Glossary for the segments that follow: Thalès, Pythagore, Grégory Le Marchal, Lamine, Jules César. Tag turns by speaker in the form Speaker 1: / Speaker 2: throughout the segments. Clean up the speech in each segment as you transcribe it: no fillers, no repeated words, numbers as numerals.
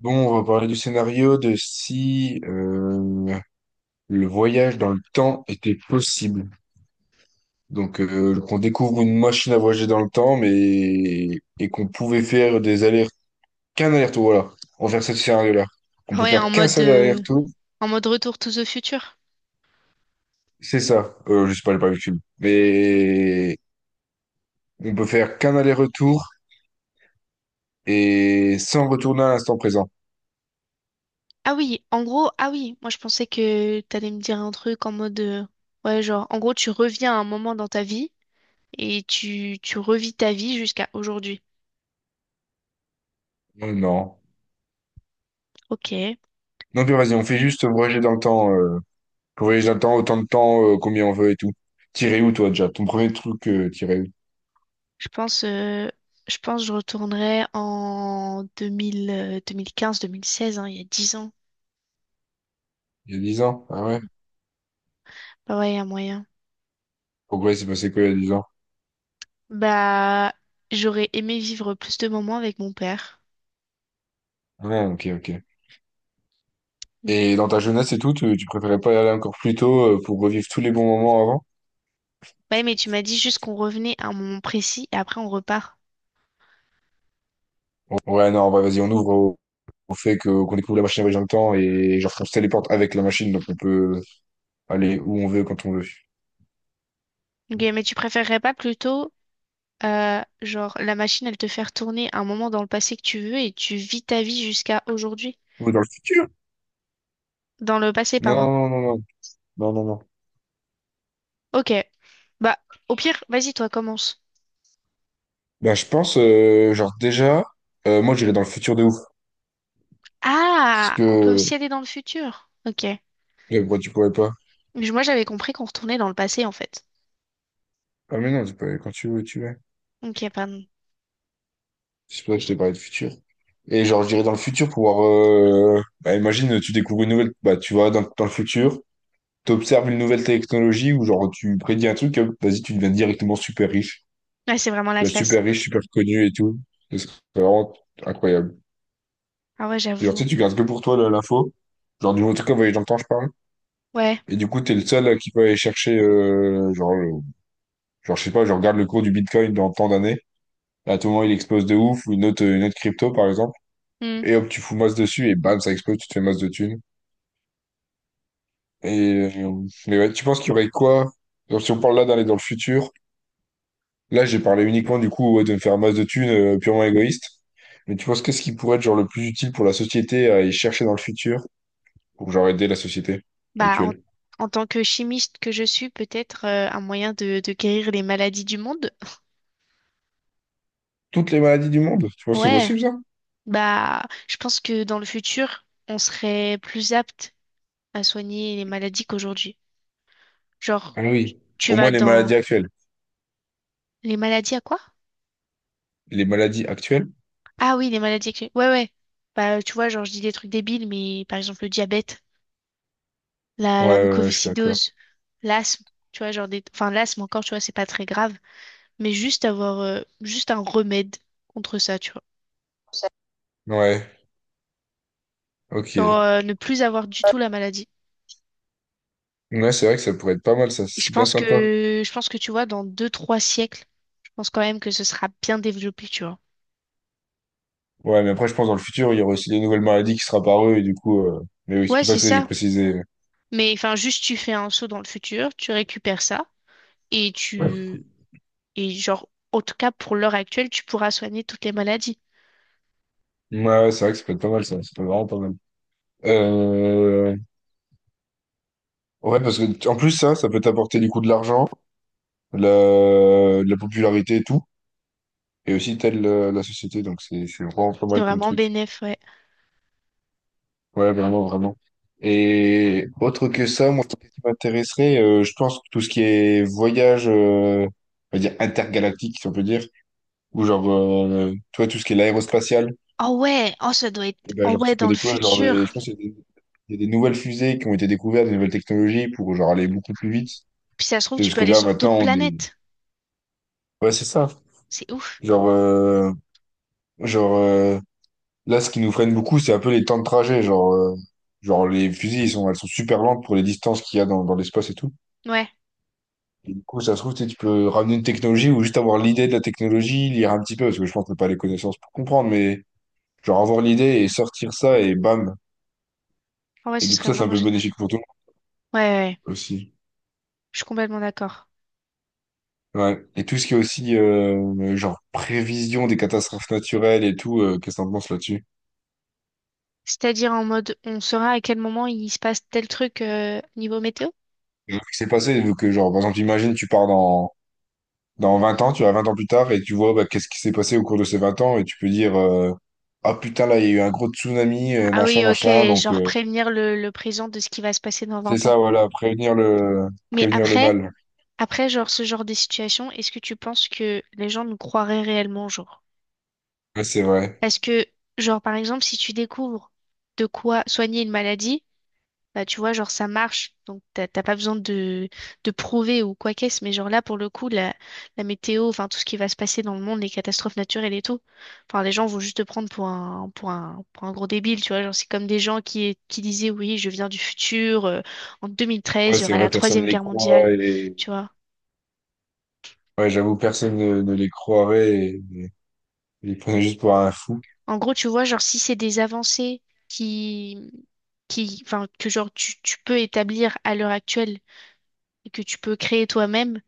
Speaker 1: Bon, on va parler du scénario de si le voyage dans le temps était possible. Donc, qu'on découvre une machine à voyager dans le temps, mais et qu'on pouvait faire des allers qu'un aller-retour. Voilà, on va faire ce scénario-là. On
Speaker 2: Ah
Speaker 1: peut
Speaker 2: ouais, en
Speaker 1: faire qu'un
Speaker 2: mode,
Speaker 1: seul
Speaker 2: euh,
Speaker 1: aller-retour.
Speaker 2: en mode retour to the future.
Speaker 1: C'est ça. Je sais pas, j'ai pas vu le film. Mais on peut faire qu'un aller-retour et sans retourner à l'instant présent.
Speaker 2: Ah oui, en gros, ah oui, moi je pensais que t'allais me dire un truc en mode, ouais, genre, en gros, tu reviens à un moment dans ta vie et tu revis ta vie jusqu'à aujourd'hui.
Speaker 1: Non, non.
Speaker 2: Ok,
Speaker 1: Non, puis vas-y, on fait juste voyager dans le temps. Voyage dans le temps, autant de temps, combien on veut et tout. Tiré où, toi, déjà? Ton premier truc, tiré où?
Speaker 2: pense, euh, je pense que je retournerai en 2000, 2015, 2016, hein, il y a 10 ans.
Speaker 1: Il y a 10 ans? Ah ouais?
Speaker 2: Bah ouais, il y a moyen.
Speaker 1: Pourquoi il s'est passé quoi il y a 10 ans?
Speaker 2: Bah, j'aurais aimé vivre plus de moments avec mon père.
Speaker 1: Ah, ok, ok. Et dans ta jeunesse et tout, tu préférais pas y aller encore plus tôt pour revivre tous les bons moments avant?
Speaker 2: Ouais, mais tu m'as dit juste qu'on revenait à un moment précis et après on repart.
Speaker 1: Ouais, non, bah, vas-y, on ouvre au, fait qu'on découvre la machine à voyager dans le temps et genre qu'on se téléporte avec la machine, donc on peut aller où on veut, quand on veut.
Speaker 2: Ok, mais tu préférerais pas plutôt, genre, la machine, elle te faire tourner un moment dans le passé que tu veux et tu vis ta vie jusqu'à aujourd'hui?
Speaker 1: Ou dans le futur?
Speaker 2: Dans le passé,
Speaker 1: Non,
Speaker 2: pardon.
Speaker 1: non, non, non, non, non, non.
Speaker 2: Ok. Bah, au pire, vas-y, toi, commence.
Speaker 1: Ben je pense, genre déjà, moi j'irais dans le futur de ouf. Parce
Speaker 2: Ah, on peut
Speaker 1: que,
Speaker 2: aussi aller dans le futur. Ok.
Speaker 1: Ouais, pourquoi tu pourrais pas?
Speaker 2: Mais moi, j'avais compris qu'on retournait dans le passé, en fait.
Speaker 1: Ah mais non, tu peux aller quand tu veux, tu veux.
Speaker 2: Ok, pardon.
Speaker 1: C'est pour ça que je t'ai parlé de futur. Et genre, je dirais dans le futur, pouvoir, bah, imagine, tu découvres une nouvelle. Bah, tu vas dans le futur, t'observes une nouvelle technologie ou genre, tu prédis un truc, hop, vas-y, tu deviens directement super riche.
Speaker 2: Ouais, c'est vraiment
Speaker 1: Tu
Speaker 2: la
Speaker 1: deviens
Speaker 2: classe, ça.
Speaker 1: super riche, super connu et tout. Ce serait vraiment incroyable.
Speaker 2: Ah ouais,
Speaker 1: Et genre, tu
Speaker 2: j'avoue.
Speaker 1: sais, tu gardes que pour toi là, l'info. Genre, du en tout cas, voyage dans le temps, je parle.
Speaker 2: Ouais.
Speaker 1: Et du coup, t'es le seul qui peut aller chercher, genre, genre, je sais pas, je regarde le cours du Bitcoin dans tant d'années. À tout moment, il explose de ouf. Ou une autre crypto, par exemple.
Speaker 2: Hmm.
Speaker 1: Et hop, tu fous masse dessus et bam, ça explose, tu te fais masse de thunes. Et, mais ouais, tu penses qu'il y aurait quoi? Genre, si on parle là d'aller dans le futur, là j'ai parlé uniquement du coup ouais, de me faire masse de thunes purement égoïste. Mais tu penses qu'est-ce qui pourrait être genre le plus utile pour la société à aller chercher dans le futur pour genre aider la société
Speaker 2: Bah, en,
Speaker 1: actuelle?
Speaker 2: en tant que chimiste que je suis, peut-être un moyen de guérir les maladies du monde.
Speaker 1: Toutes les maladies du monde, tu penses que c'est
Speaker 2: Ouais.
Speaker 1: possible ça?
Speaker 2: Bah, je pense que dans le futur, on serait plus apte à soigner les maladies qu'aujourd'hui. Genre,
Speaker 1: Ah oui.
Speaker 2: tu
Speaker 1: Au moins
Speaker 2: vas
Speaker 1: les
Speaker 2: dans
Speaker 1: maladies actuelles.
Speaker 2: les maladies à quoi?
Speaker 1: Les maladies actuelles?
Speaker 2: Ah oui, les maladies. Ouais, ouais. Bah, tu vois, genre, je dis des trucs débiles, mais par exemple, le diabète, la,
Speaker 1: Ouais,
Speaker 2: la
Speaker 1: ouais, ouais, je suis d'accord.
Speaker 2: mucoviscidose, l'asthme, tu vois, genre des. Enfin, l'asthme encore, tu vois, c'est pas très grave, mais juste avoir, juste un remède contre ça, tu vois.
Speaker 1: Ouais,
Speaker 2: Genre,
Speaker 1: ok.
Speaker 2: ne plus avoir du tout la maladie.
Speaker 1: Ouais, c'est vrai que ça pourrait être pas mal, ça,
Speaker 2: Et je
Speaker 1: c'est bien
Speaker 2: pense
Speaker 1: sympa.
Speaker 2: que, je pense que tu vois, dans deux, trois siècles, je pense quand même que ce sera bien développé, tu vois.
Speaker 1: Ouais, mais après, je pense dans le futur, il y aura aussi des nouvelles maladies qui seront apparues, et du coup, mais oui, c'est
Speaker 2: Ouais,
Speaker 1: pour ça
Speaker 2: c'est
Speaker 1: que tu sais, j'ai
Speaker 2: ça.
Speaker 1: précisé.
Speaker 2: Mais enfin, juste tu fais un saut dans le futur, tu récupères ça et
Speaker 1: Ouais,
Speaker 2: tu et genre en tout cas pour l'heure actuelle, tu pourras soigner toutes les maladies.
Speaker 1: ouais, c'est vrai que ça peut être pas mal, ça peut être vraiment pas mal. Euh... Ouais, parce que, en plus, ça peut t'apporter du coup de l'argent, de la popularité et tout, et aussi t'aides la société, donc c'est vraiment pas
Speaker 2: C'est
Speaker 1: mal comme
Speaker 2: vraiment
Speaker 1: truc.
Speaker 2: bénéf, ouais.
Speaker 1: Ouais, vraiment, vraiment. Et autre que ça, moi, ce qui m'intéresserait, je pense que tout ce qui est voyage, on va dire intergalactique, si on peut dire, ou genre, tu vois, tout ce qui est l'aérospatial.
Speaker 2: Oh ouais, oh ça doit
Speaker 1: Et
Speaker 2: être
Speaker 1: ben,
Speaker 2: oh
Speaker 1: genre,
Speaker 2: ouais
Speaker 1: tu peux
Speaker 2: dans le
Speaker 1: découvrir, genre,
Speaker 2: futur.
Speaker 1: je pense qu'il y a des nouvelles fusées qui ont été découvertes, des nouvelles technologies pour, genre, aller beaucoup plus vite.
Speaker 2: Puis ça se trouve
Speaker 1: Tu sais,
Speaker 2: tu
Speaker 1: parce
Speaker 2: peux
Speaker 1: que
Speaker 2: aller
Speaker 1: là,
Speaker 2: sur d'autres
Speaker 1: maintenant, on est.
Speaker 2: planètes.
Speaker 1: Ouais, c'est ça.
Speaker 2: C'est ouf.
Speaker 1: Genre, genre euh, là, ce qui nous freine beaucoup, c'est un peu les temps de trajet. Genre, les fusées, elles sont super lentes pour les distances qu'il y a dans l'espace et tout.
Speaker 2: Ouais.
Speaker 1: Et du coup, ça se trouve, tu sais, tu peux ramener une technologie ou juste avoir l'idée de la technologie, lire un petit peu, parce que je pense que t'as pas les connaissances pour comprendre, mais genre avoir l'idée et sortir ça et bam.
Speaker 2: Oh ouais,
Speaker 1: Et
Speaker 2: ce
Speaker 1: du coup,
Speaker 2: serait
Speaker 1: ça, c'est un
Speaker 2: vraiment
Speaker 1: peu
Speaker 2: génial.
Speaker 1: bénéfique pour tout le
Speaker 2: Ouais, ouais, ouais.
Speaker 1: monde aussi.
Speaker 2: Je suis complètement d'accord.
Speaker 1: Ouais. Et tout ce qui est aussi genre prévision des catastrophes naturelles et tout, qu'est-ce que t'en penses là-dessus?
Speaker 2: C'est-à-dire en mode on saura à quel moment il se passe tel truc niveau météo?
Speaker 1: Et ce qui s'est passé, vu que genre par exemple, imagine tu pars dans 20 ans, tu vas 20 ans plus tard et tu vois bah, qu'est-ce qui s'est passé au cours de ces 20 ans et tu peux dire ah putain là il y a eu un gros tsunami,
Speaker 2: Ah
Speaker 1: machin,
Speaker 2: oui, ok,
Speaker 1: machin, donc
Speaker 2: genre prévenir le présent de ce qui va se passer dans
Speaker 1: c'est
Speaker 2: 20 ans.
Speaker 1: ça voilà, prévenir le
Speaker 2: Mais
Speaker 1: prévenir le
Speaker 2: après
Speaker 1: mal.
Speaker 2: Après, genre, ce genre de situation, est-ce que tu penses que les gens nous croiraient réellement, genre?
Speaker 1: Ouais, c'est vrai.
Speaker 2: Parce que, genre, par exemple, si tu découvres de quoi soigner une maladie, bah, tu vois, genre, ça marche. Donc, t'as pas besoin de prouver ou quoi qu'est-ce. Mais, genre, là, pour le coup, la météo, enfin, tout ce qui va se passer dans le monde, les catastrophes naturelles et tout, enfin, les gens vont juste te prendre pour un gros débile, tu vois. Genre, c'est comme des gens qui disaient, oui, je viens du futur, en 2013,
Speaker 1: Ouais,
Speaker 2: il y
Speaker 1: c'est
Speaker 2: aura la
Speaker 1: vrai, personne ne
Speaker 2: Troisième
Speaker 1: les
Speaker 2: Guerre mondiale,
Speaker 1: croit et
Speaker 2: tu vois.
Speaker 1: ouais, j'avoue, personne ne les croirait et ils prenaient juste pour un fou.
Speaker 2: En gros, tu vois, genre, si c'est des avancées qui, qui, enfin, que genre tu peux établir à l'heure actuelle et que tu peux créer toi-même,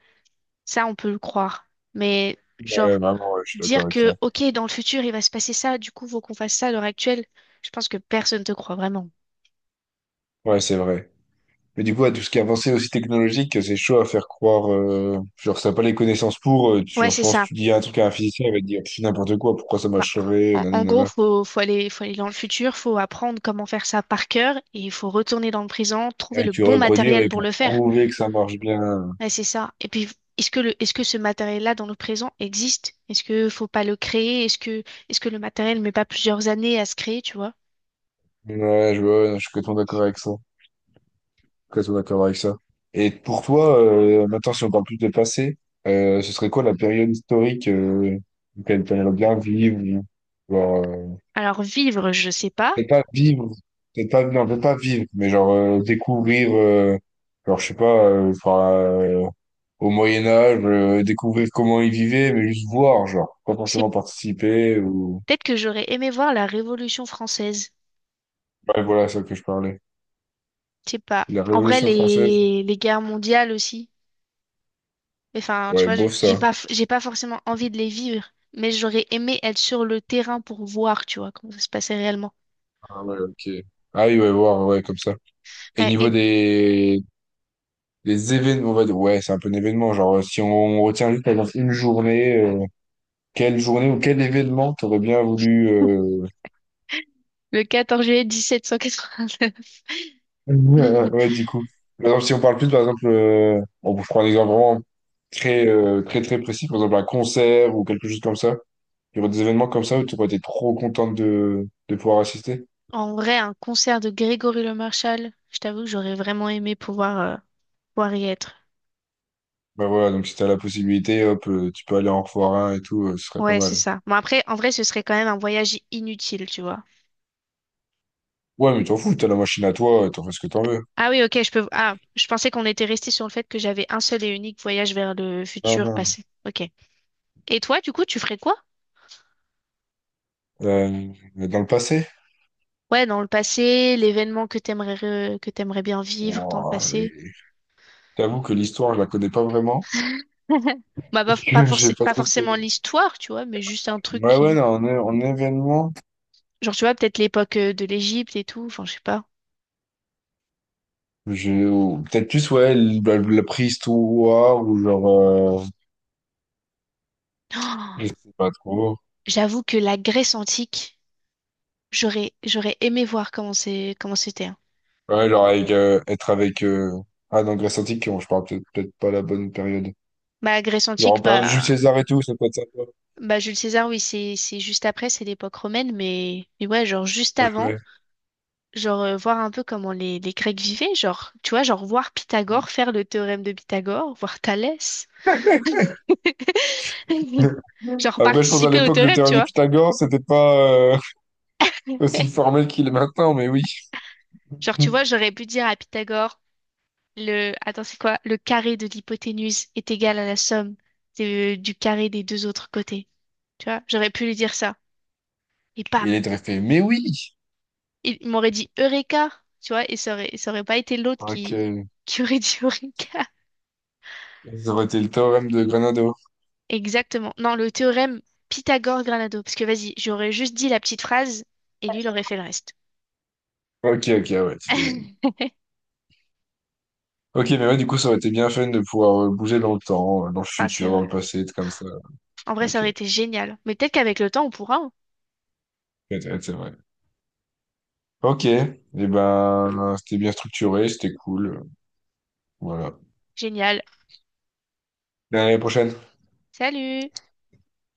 Speaker 2: ça, on peut le croire. Mais
Speaker 1: Ouais,
Speaker 2: genre,
Speaker 1: vraiment, ouais, je suis d'accord
Speaker 2: dire
Speaker 1: avec ça.
Speaker 2: que, OK, dans le futur, il va se passer ça, du coup, faut qu'on fasse ça à l'heure actuelle, je pense que personne te croit vraiment.
Speaker 1: Ouais, c'est vrai. Mais du coup, à tout ce qui est avancé aussi technologique, c'est chaud à faire croire. Genre, ça n'a pas les connaissances pour.
Speaker 2: Ouais,
Speaker 1: Genre, je
Speaker 2: c'est
Speaker 1: pense que
Speaker 2: ça.
Speaker 1: tu dis un truc à un physicien, il va te dire pff, n'importe quoi, pourquoi ça
Speaker 2: Bah,
Speaker 1: marcherait,
Speaker 2: en,
Speaker 1: nani,
Speaker 2: en gros,
Speaker 1: nana.
Speaker 2: faut aller dans le futur, faut apprendre comment faire ça par cœur et il faut retourner dans le présent, trouver
Speaker 1: Et
Speaker 2: le
Speaker 1: tu
Speaker 2: bon
Speaker 1: reproduire
Speaker 2: matériel
Speaker 1: et
Speaker 2: pour
Speaker 1: pour
Speaker 2: le faire.
Speaker 1: prouver que ça marche bien.
Speaker 2: Ouais, c'est ça. Et puis, est-ce que ce matériel-là dans le présent existe? Est-ce que faut pas le créer? Est-ce que le matériel met pas plusieurs années à se créer, tu vois?
Speaker 1: Ouais, je, vois, je suis complètement d'accord avec ça. Complètement d'accord avec ça. Et pour toi, maintenant, si on parle plus de passé, ce serait quoi la période historique, auquel tu aimerais bien vivre.
Speaker 2: Alors, vivre, je sais pas.
Speaker 1: Peut-être pas vivre, peut-être pas, non, peut-être pas vivre, mais genre découvrir, genre je sais pas, enfin, au Moyen Âge, découvrir comment ils vivaient, mais juste voir, genre, pas
Speaker 2: C'est
Speaker 1: forcément participer ou.
Speaker 2: peut-être que j'aurais aimé voir la Révolution française.
Speaker 1: Ouais, voilà, c'est ça que je parlais.
Speaker 2: Je sais pas.
Speaker 1: La
Speaker 2: En vrai,
Speaker 1: Révolution française,
Speaker 2: les guerres mondiales aussi. Enfin, tu
Speaker 1: ouais,
Speaker 2: vois, je-
Speaker 1: bof
Speaker 2: j'ai
Speaker 1: ça.
Speaker 2: pas, f- j'ai pas forcément envie de les vivre, mais j'aurais aimé être sur le terrain pour voir, tu vois, comment ça se passait réellement.
Speaker 1: Ah ouais, ok. Ah oui, ouais, voir, ouais, comme ça. Et
Speaker 2: Ouais,
Speaker 1: niveau
Speaker 2: et
Speaker 1: des événements, on va dire, ouais, c'est un peu un événement, genre si on retient juste par exemple, une journée, quelle journée ou quel événement t'aurais bien voulu
Speaker 2: le 14 juillet 1789.
Speaker 1: Ouais, ouais, du coup. Par exemple, si on parle plus, par exemple, bon, je prends un exemple vraiment très, très, très précis, par exemple, un concert ou quelque chose comme ça. Il y aurait des événements comme ça où tu aurais été trop contente de pouvoir assister.
Speaker 2: En vrai, un concert de Grégory Le Marchal, je t'avoue que j'aurais vraiment aimé pouvoir y être.
Speaker 1: Bah voilà, donc si t'as la possibilité, hop, tu peux aller en revoir un et tout, ce serait pas
Speaker 2: Ouais, c'est
Speaker 1: mal.
Speaker 2: ça. Bon, après, en vrai, ce serait quand même un voyage inutile, tu vois.
Speaker 1: Ouais, mais t'en fous, t'as la machine à toi, t'en fais ce que t'en veux.
Speaker 2: Ah oui, ok, je peux. Ah, je pensais qu'on était resté sur le fait que j'avais un seul et unique voyage vers le
Speaker 1: Non,
Speaker 2: futur
Speaker 1: non.
Speaker 2: passé. Ok. Et toi, du coup, tu ferais quoi?
Speaker 1: Euh, Dans le passé?
Speaker 2: Ouais, dans le passé, l'événement que t'aimerais bien vivre dans le
Speaker 1: Ouah,
Speaker 2: passé.
Speaker 1: que l'histoire, je la connais pas vraiment
Speaker 2: Bah,
Speaker 1: et
Speaker 2: pas
Speaker 1: que j'ai
Speaker 2: forcé-
Speaker 1: pas
Speaker 2: pas
Speaker 1: trop...
Speaker 2: forcément
Speaker 1: de-
Speaker 2: l'histoire, tu vois, mais juste un truc
Speaker 1: Ouais, ouais,
Speaker 2: qui.
Speaker 1: non, en événement.
Speaker 2: Genre, tu vois, peut-être l'époque de l'Égypte et tout, enfin, je sais pas.
Speaker 1: Je, ou peut-être plus, ouais, la préhistoire, ou genre, euh, je sais pas trop.
Speaker 2: J'avoue que la Grèce antique, j'aurais aimé voir comment c'était, hein.
Speaker 1: Ouais, genre être avec, ah non, Grèce antique, non, je parle peut-être pas la bonne période.
Speaker 2: Bah, la Grèce
Speaker 1: Genre en
Speaker 2: antique,
Speaker 1: période de Jules
Speaker 2: bah,
Speaker 1: César et tout, ça peut être sympa.
Speaker 2: bah Jules César, oui, c'est juste après, c'est l'époque romaine, mais ouais, genre juste avant,
Speaker 1: Ouais.
Speaker 2: genre voir un peu comment les Grecs vivaient, genre, tu vois, genre voir Pythagore faire le théorème de Pythagore, voir Thalès, genre
Speaker 1: Après, je pense à
Speaker 2: participer au
Speaker 1: l'époque, le
Speaker 2: théorème, tu
Speaker 1: théorème de
Speaker 2: vois.
Speaker 1: Pythagore, c'était pas, aussi formel qu'il est maintenant, mais oui.
Speaker 2: Genre, tu vois, j'aurais pu dire à Pythagore, attends, c'est quoi? Le carré de l'hypoténuse est égal à la somme du carré des deux autres côtés. Tu vois, j'aurais pu lui dire ça. Et
Speaker 1: Il
Speaker 2: bam!
Speaker 1: est très fait, mais oui!
Speaker 2: Il m'aurait dit Eureka! Tu vois, et ça aurait pas été l'autre
Speaker 1: Ok.
Speaker 2: qui aurait dit Eureka.
Speaker 1: Ça aurait été le théorème de Granado.
Speaker 2: Exactement. Non, le théorème Pythagore-Granado. Parce que vas-y, j'aurais juste dit la petite phrase et lui, il aurait fait le reste.
Speaker 1: Ok, ok, ouais, tu délais. Ok, mais ouais, du coup, ça aurait été bien fun de pouvoir bouger dans le temps, dans le
Speaker 2: Ah, c'est
Speaker 1: futur, dans
Speaker 2: vrai.
Speaker 1: le passé, être comme ça.
Speaker 2: En vrai, ça
Speaker 1: Ok,
Speaker 2: aurait été génial. Mais peut-être qu'avec le temps, on pourra, hein.
Speaker 1: ouais, ouais, c'est vrai. Ok, et ben, c'était bien structuré, c'était cool. Voilà.
Speaker 2: Génial.
Speaker 1: À la prochaine.
Speaker 2: Salut!